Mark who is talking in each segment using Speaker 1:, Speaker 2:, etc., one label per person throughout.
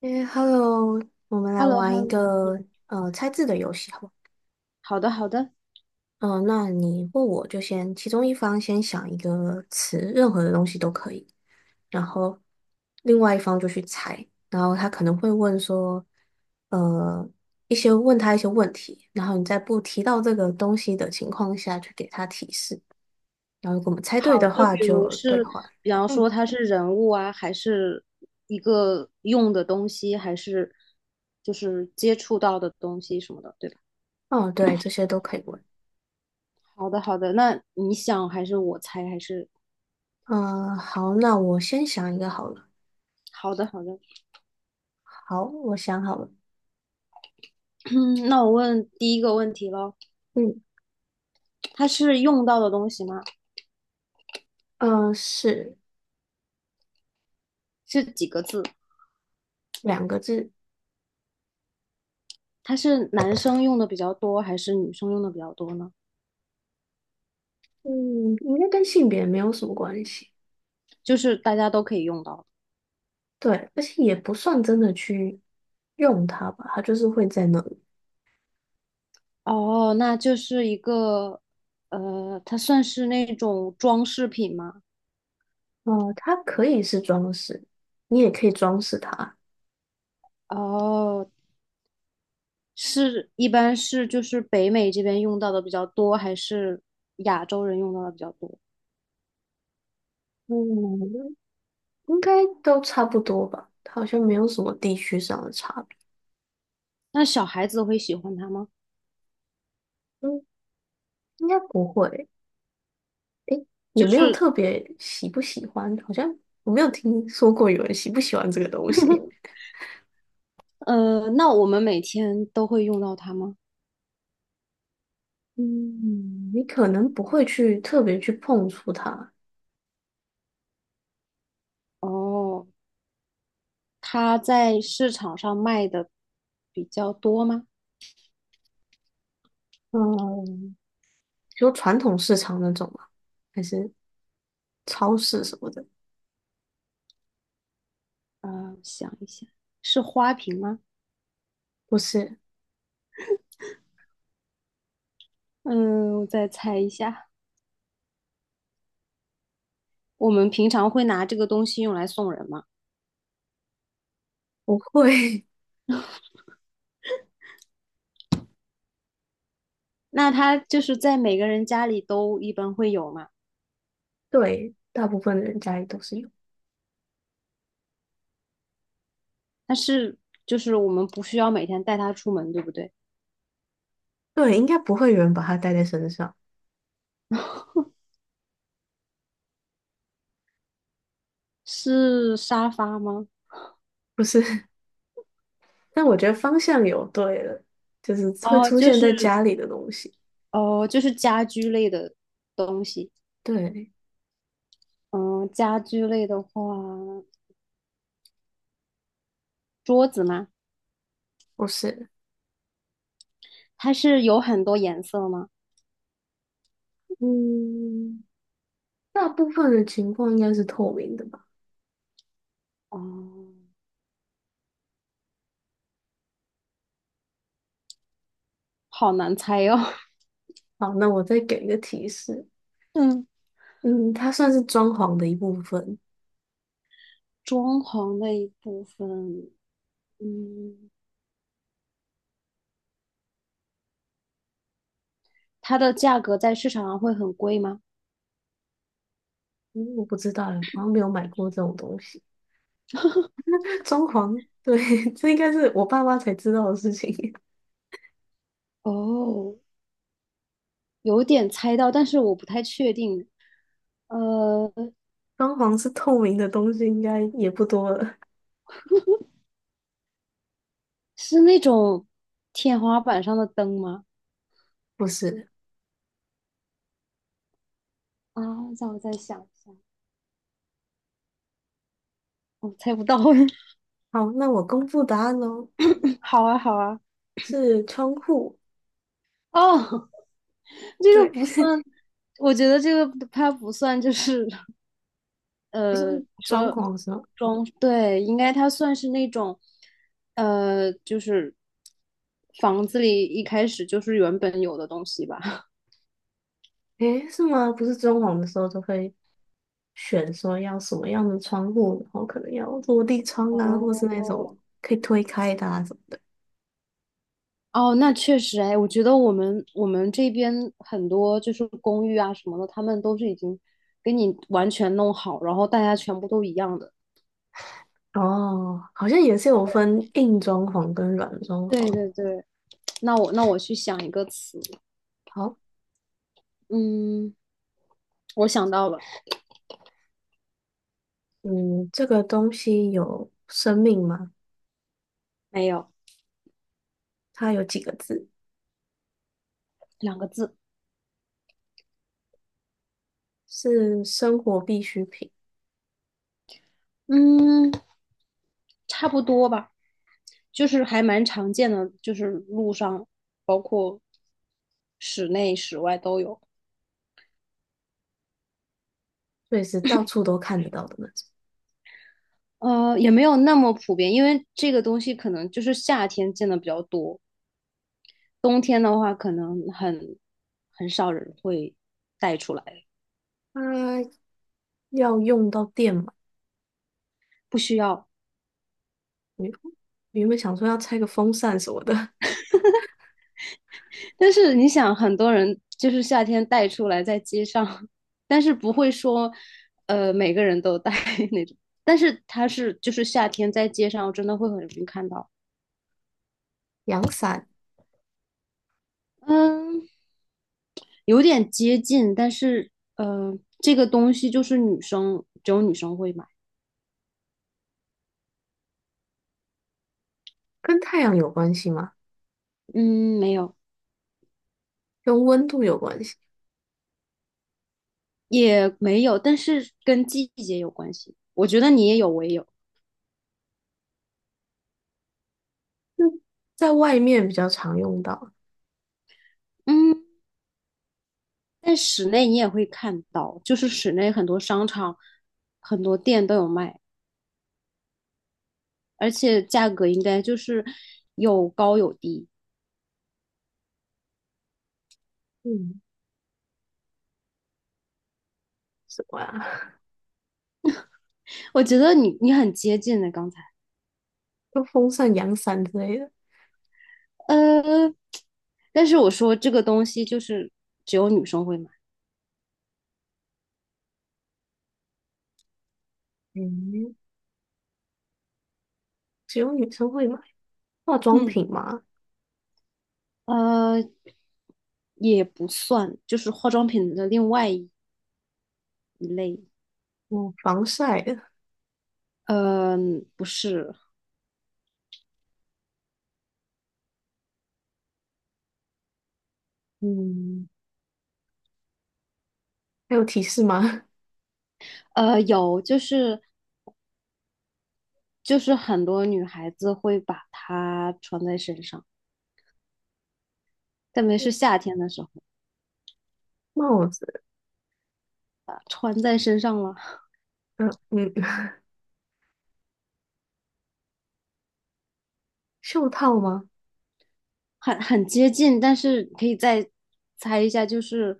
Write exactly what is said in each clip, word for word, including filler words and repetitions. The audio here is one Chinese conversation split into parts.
Speaker 1: 诶，Hello，我们
Speaker 2: h e
Speaker 1: 来
Speaker 2: l l o h
Speaker 1: 玩
Speaker 2: e l
Speaker 1: 一
Speaker 2: l o 嗯，
Speaker 1: 个呃猜字的游戏，好不好？
Speaker 2: 好的，好的，
Speaker 1: 嗯、呃那你或我就先，其中一方先想一个词，任何的东西都可以，然后另外一方就去猜，然后他可能会问说，呃，一些问他一些问题，然后你在不提到这个东西的情况下去给他提示，然后如果我们猜对
Speaker 2: 好，
Speaker 1: 的
Speaker 2: 就
Speaker 1: 话
Speaker 2: 比如
Speaker 1: 就兑
Speaker 2: 是，
Speaker 1: 换。
Speaker 2: 比方
Speaker 1: 嗯，
Speaker 2: 说它是人物啊，还是一个用的东西，还是就是接触到的东西什么的，对吧？
Speaker 1: 哦，对，这些都可以问。
Speaker 2: 好的，好的，那你想还是我猜还是？
Speaker 1: 嗯、好，那我先想一个好了。
Speaker 2: 好的，好的，
Speaker 1: 好，我想好了。
Speaker 2: 嗯，那我问第一个问题咯，
Speaker 1: 嗯。
Speaker 2: 它是用到的东西吗？
Speaker 1: 呃，是
Speaker 2: 是几个字？
Speaker 1: 两个字，
Speaker 2: 它是男生用的比较多，还是女生用的比较多呢？
Speaker 1: 嗯，应该跟性别没有什么关系，
Speaker 2: 就是大家都可以用到。
Speaker 1: 对，而且也不算真的去用它吧，它就是会在那里。
Speaker 2: 哦，那就是一个，呃，它算是那种装饰品吗？
Speaker 1: 呃，它可以是装饰，你也可以装饰它，
Speaker 2: 哦，是，一般是就是北美这边用到的比较多，还是亚洲人用到的比较多？
Speaker 1: 嗯，应该都差不多吧，它好像没有什么地区上的差别，
Speaker 2: 那小孩子会喜欢它吗？
Speaker 1: 嗯，应该不会，诶，也
Speaker 2: 就
Speaker 1: 没有
Speaker 2: 是，
Speaker 1: 特别喜不喜欢，好像我没有听说过有人喜不喜欢这个东西。
Speaker 2: 呃，那我们每天都会用到它吗？
Speaker 1: 嗯，你可能不会去特别去碰触它，
Speaker 2: 哦，它在市场上卖的比较多吗？
Speaker 1: 嗯，就传统市场那种吗？还是超市什么的？
Speaker 2: 啊，想一下，是花瓶吗？
Speaker 1: 不是，
Speaker 2: 嗯，我再猜一下。我们平常会拿这个东西用来送人嘛，
Speaker 1: 不会。
Speaker 2: 那它就是在每个人家里都一般会有嘛，
Speaker 1: 对，大部分的人家里都是有。
Speaker 2: 但是就是我们不需要每天带它出门，对不对？
Speaker 1: 对，应该不会有人把它带在身上。
Speaker 2: 是沙发吗？
Speaker 1: 不是，但我觉得方向有对了，就是会
Speaker 2: 哦，
Speaker 1: 出
Speaker 2: 就
Speaker 1: 现
Speaker 2: 是
Speaker 1: 在家里的东西。
Speaker 2: 哦，就是家居类的东西。
Speaker 1: 对，
Speaker 2: 嗯，家居类的话，桌子吗？
Speaker 1: 不是。
Speaker 2: 它是有很多颜色吗？
Speaker 1: 嗯，大部分的情况应该是透明的吧？
Speaker 2: 哦，好难猜哟。
Speaker 1: 好，那我再给一个提示。
Speaker 2: 嗯，
Speaker 1: 嗯，它算是装潢的一部分。
Speaker 2: 装潢的一部分，嗯，它的价格在市场上会很贵吗？
Speaker 1: 嗯，我不知道欸，好像没有买过这种东西。装潢，对，这应该是我爸妈才知道的事情。
Speaker 2: 哦，有点猜到，但是我不太确定。呃，
Speaker 1: 装潢是透明的东西，应该也不多了。
Speaker 2: 是那种天花板上的灯吗？
Speaker 1: 不是，
Speaker 2: 啊，让我再想一下，我猜不到。
Speaker 1: 好，那我公布答案喽，
Speaker 2: 好啊，好啊。
Speaker 1: 是窗户。
Speaker 2: 哦，这
Speaker 1: 对，
Speaker 2: 个不算，我觉得这个它不算，就是
Speaker 1: 不是
Speaker 2: 呃，
Speaker 1: 装
Speaker 2: 说
Speaker 1: 潢的时候，
Speaker 2: 装，对，应该它算是那种，呃，就是房子里一开始就是原本有的东西吧。
Speaker 1: 诶，是吗？不是装潢的时候就会选说要什么样的窗户，然后可能要落地窗啊，或是
Speaker 2: 哦，
Speaker 1: 那种可以推开的啊什么。
Speaker 2: 哦，那确实，哎，我觉得我们我们这边很多就是公寓啊什么的，他们都是已经给你完全弄好，然后大家全部都一样的。
Speaker 1: 哦，好像也是有分硬装潢跟软装
Speaker 2: 对
Speaker 1: 潢。
Speaker 2: 对对，那我那我去想一个词，
Speaker 1: 好，
Speaker 2: 嗯，我想到了，
Speaker 1: 嗯，这个东西有生命吗？
Speaker 2: 没有，
Speaker 1: 它有几个字，
Speaker 2: 两个字，
Speaker 1: 是生活必需品，
Speaker 2: 嗯，差不多吧，就是还蛮常见的，就是路上包括室内室外都有，
Speaker 1: 所以是到处都看得到的那种。
Speaker 2: 呃，也没有那么普遍，因为这个东西可能就是夏天见的比较多。冬天的话，可能很很少人会带出来，
Speaker 1: 它要用到电嘛？
Speaker 2: 不需要。
Speaker 1: 我原本想说要拆个风扇什么的，
Speaker 2: 但是你想，很多人就是夏天带出来在街上，但是不会说，呃，每个人都带 那种。但是它是就是夏天在街上，我真的会很容易看到。
Speaker 1: 阳伞
Speaker 2: 嗯，有点接近，但是呃，这个东西就是女生只有女生会买。
Speaker 1: 跟太阳有关系吗？
Speaker 2: 嗯，没有，
Speaker 1: 跟温度有关系？
Speaker 2: 也没有，但是跟季节有关系。我觉得你也有，我也有。
Speaker 1: 嗯，在外面比较常用到。
Speaker 2: 嗯。在室内你也会看到，就是室内很多商场、很多店都有卖，而且价格应该就是有高有低。
Speaker 1: 嗯，什么啊？
Speaker 2: 我觉得你你很接近的刚才，
Speaker 1: 跟风扇、阳伞之类的。
Speaker 2: 呃，但是我说这个东西就是只有女生会买，
Speaker 1: 嗯，只有女生会买化妆
Speaker 2: 嗯，
Speaker 1: 品吗？
Speaker 2: 呃，也不算，就是化妆品的另外一类，
Speaker 1: 哦，防晒的。
Speaker 2: 呃，不是，
Speaker 1: 嗯，还有提示吗？
Speaker 2: 呃，有就是就是很多女孩子会把它穿在身上，特别是 夏天的时候。
Speaker 1: 帽子，
Speaker 2: 穿在身上了，
Speaker 1: 嗯嗯，袖套吗？
Speaker 2: 很很接近，但是可以再猜一下，就是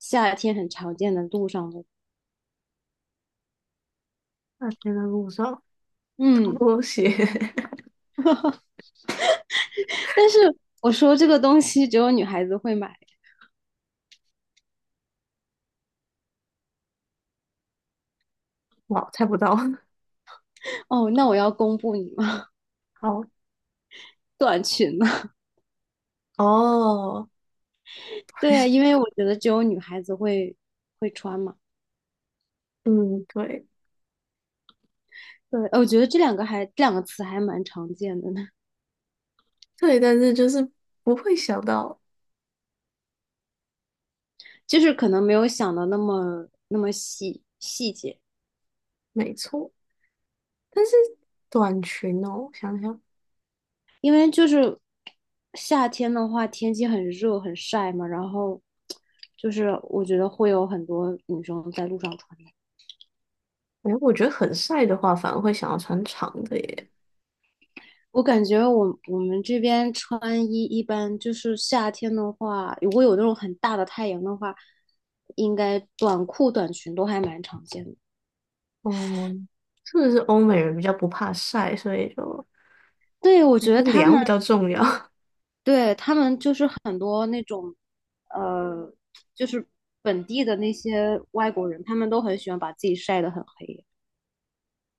Speaker 2: 夏天很常见的路上的，
Speaker 1: 那天的路上
Speaker 2: 嗯，
Speaker 1: 拖鞋，
Speaker 2: 但是我说这个东西只有女孩子会买，
Speaker 1: 哇，猜不到。
Speaker 2: 哦，那我要公布你吗？
Speaker 1: 好，
Speaker 2: 短裙呢？
Speaker 1: 哦，
Speaker 2: 对啊，因为我觉得只有女孩子会会穿嘛。
Speaker 1: 嗯，对
Speaker 2: 对，呃我觉得这两个还这两个词还蛮常见的呢，
Speaker 1: 对，但是就是不会想到，
Speaker 2: 就是可能没有想的那么那么细细节。
Speaker 1: 没错。但是短裙哦，想想，
Speaker 2: 因为就是夏天的话，天气很热很晒嘛，然后就是我觉得会有很多女生在路上穿的。
Speaker 1: 哎，我觉得很晒的话，反而会想要穿长的耶。
Speaker 2: 我感觉我我们这边穿衣一般就是夏天的话，如果有那种很大的太阳的话，应该短裤短裙都还蛮常见的。
Speaker 1: 嗯，是不是欧美人比较不怕晒，所以就
Speaker 2: 对，我
Speaker 1: 还
Speaker 2: 觉
Speaker 1: 是
Speaker 2: 得他
Speaker 1: 凉
Speaker 2: 们
Speaker 1: 比较重要。
Speaker 2: 对他们就是很多那种，呃，就是本地的那些外国人，他们都很喜欢把自己晒得很黑。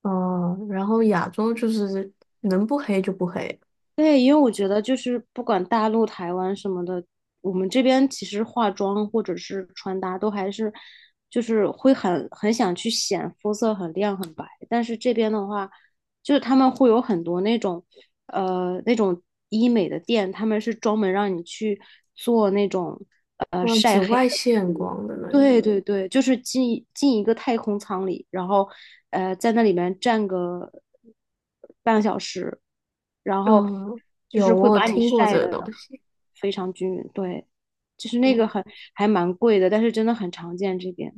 Speaker 1: 嗯，然后亚洲就是能不黑就不黑，
Speaker 2: 对，因为我觉得就是不管大陆、台湾什么的，我们这边其实化妆或者是穿搭都还是，就是会很很想去显肤色很亮很白，但是这边的话，就是他们会有很多那种，呃，那种医美的店，他们是专门让你去做那种呃
Speaker 1: 嗯，紫
Speaker 2: 晒黑
Speaker 1: 外
Speaker 2: 的。
Speaker 1: 线光的那个，
Speaker 2: 对对对，就是进进一个太空舱里，然后呃，在那里面站个半个小时，然后
Speaker 1: 嗯，
Speaker 2: 就
Speaker 1: 有
Speaker 2: 是会
Speaker 1: 我有
Speaker 2: 把你
Speaker 1: 听过这
Speaker 2: 晒
Speaker 1: 个
Speaker 2: 的
Speaker 1: 东西。
Speaker 2: 非常均匀。对，就是那个
Speaker 1: 嗯。
Speaker 2: 很还蛮贵的，但是真的很常见这边。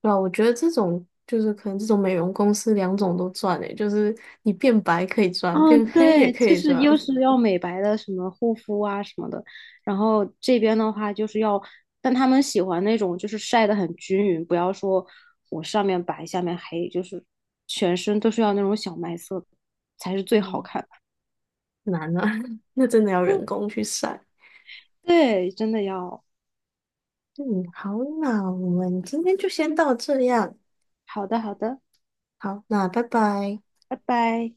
Speaker 1: 对啊，我觉得这种就是可能这种美容公司两种都赚诶，就是你变白可以赚，
Speaker 2: 哦，
Speaker 1: 变黑也
Speaker 2: 对，
Speaker 1: 可
Speaker 2: 就
Speaker 1: 以
Speaker 2: 是
Speaker 1: 赚。
Speaker 2: 又是要美白的，什么护肤啊什么的，然后这边的话就是要，但他们喜欢那种就是晒得很均匀，不要说我上面白下面黑，就是全身都是要那种小麦色才是最好
Speaker 1: 嗯，
Speaker 2: 看的。
Speaker 1: 难啊，那真的要人工去晒。
Speaker 2: 对，真的要。
Speaker 1: 嗯，好，那我们今天就先到这样。
Speaker 2: 好的，好的，
Speaker 1: 好，那拜拜。
Speaker 2: 拜拜。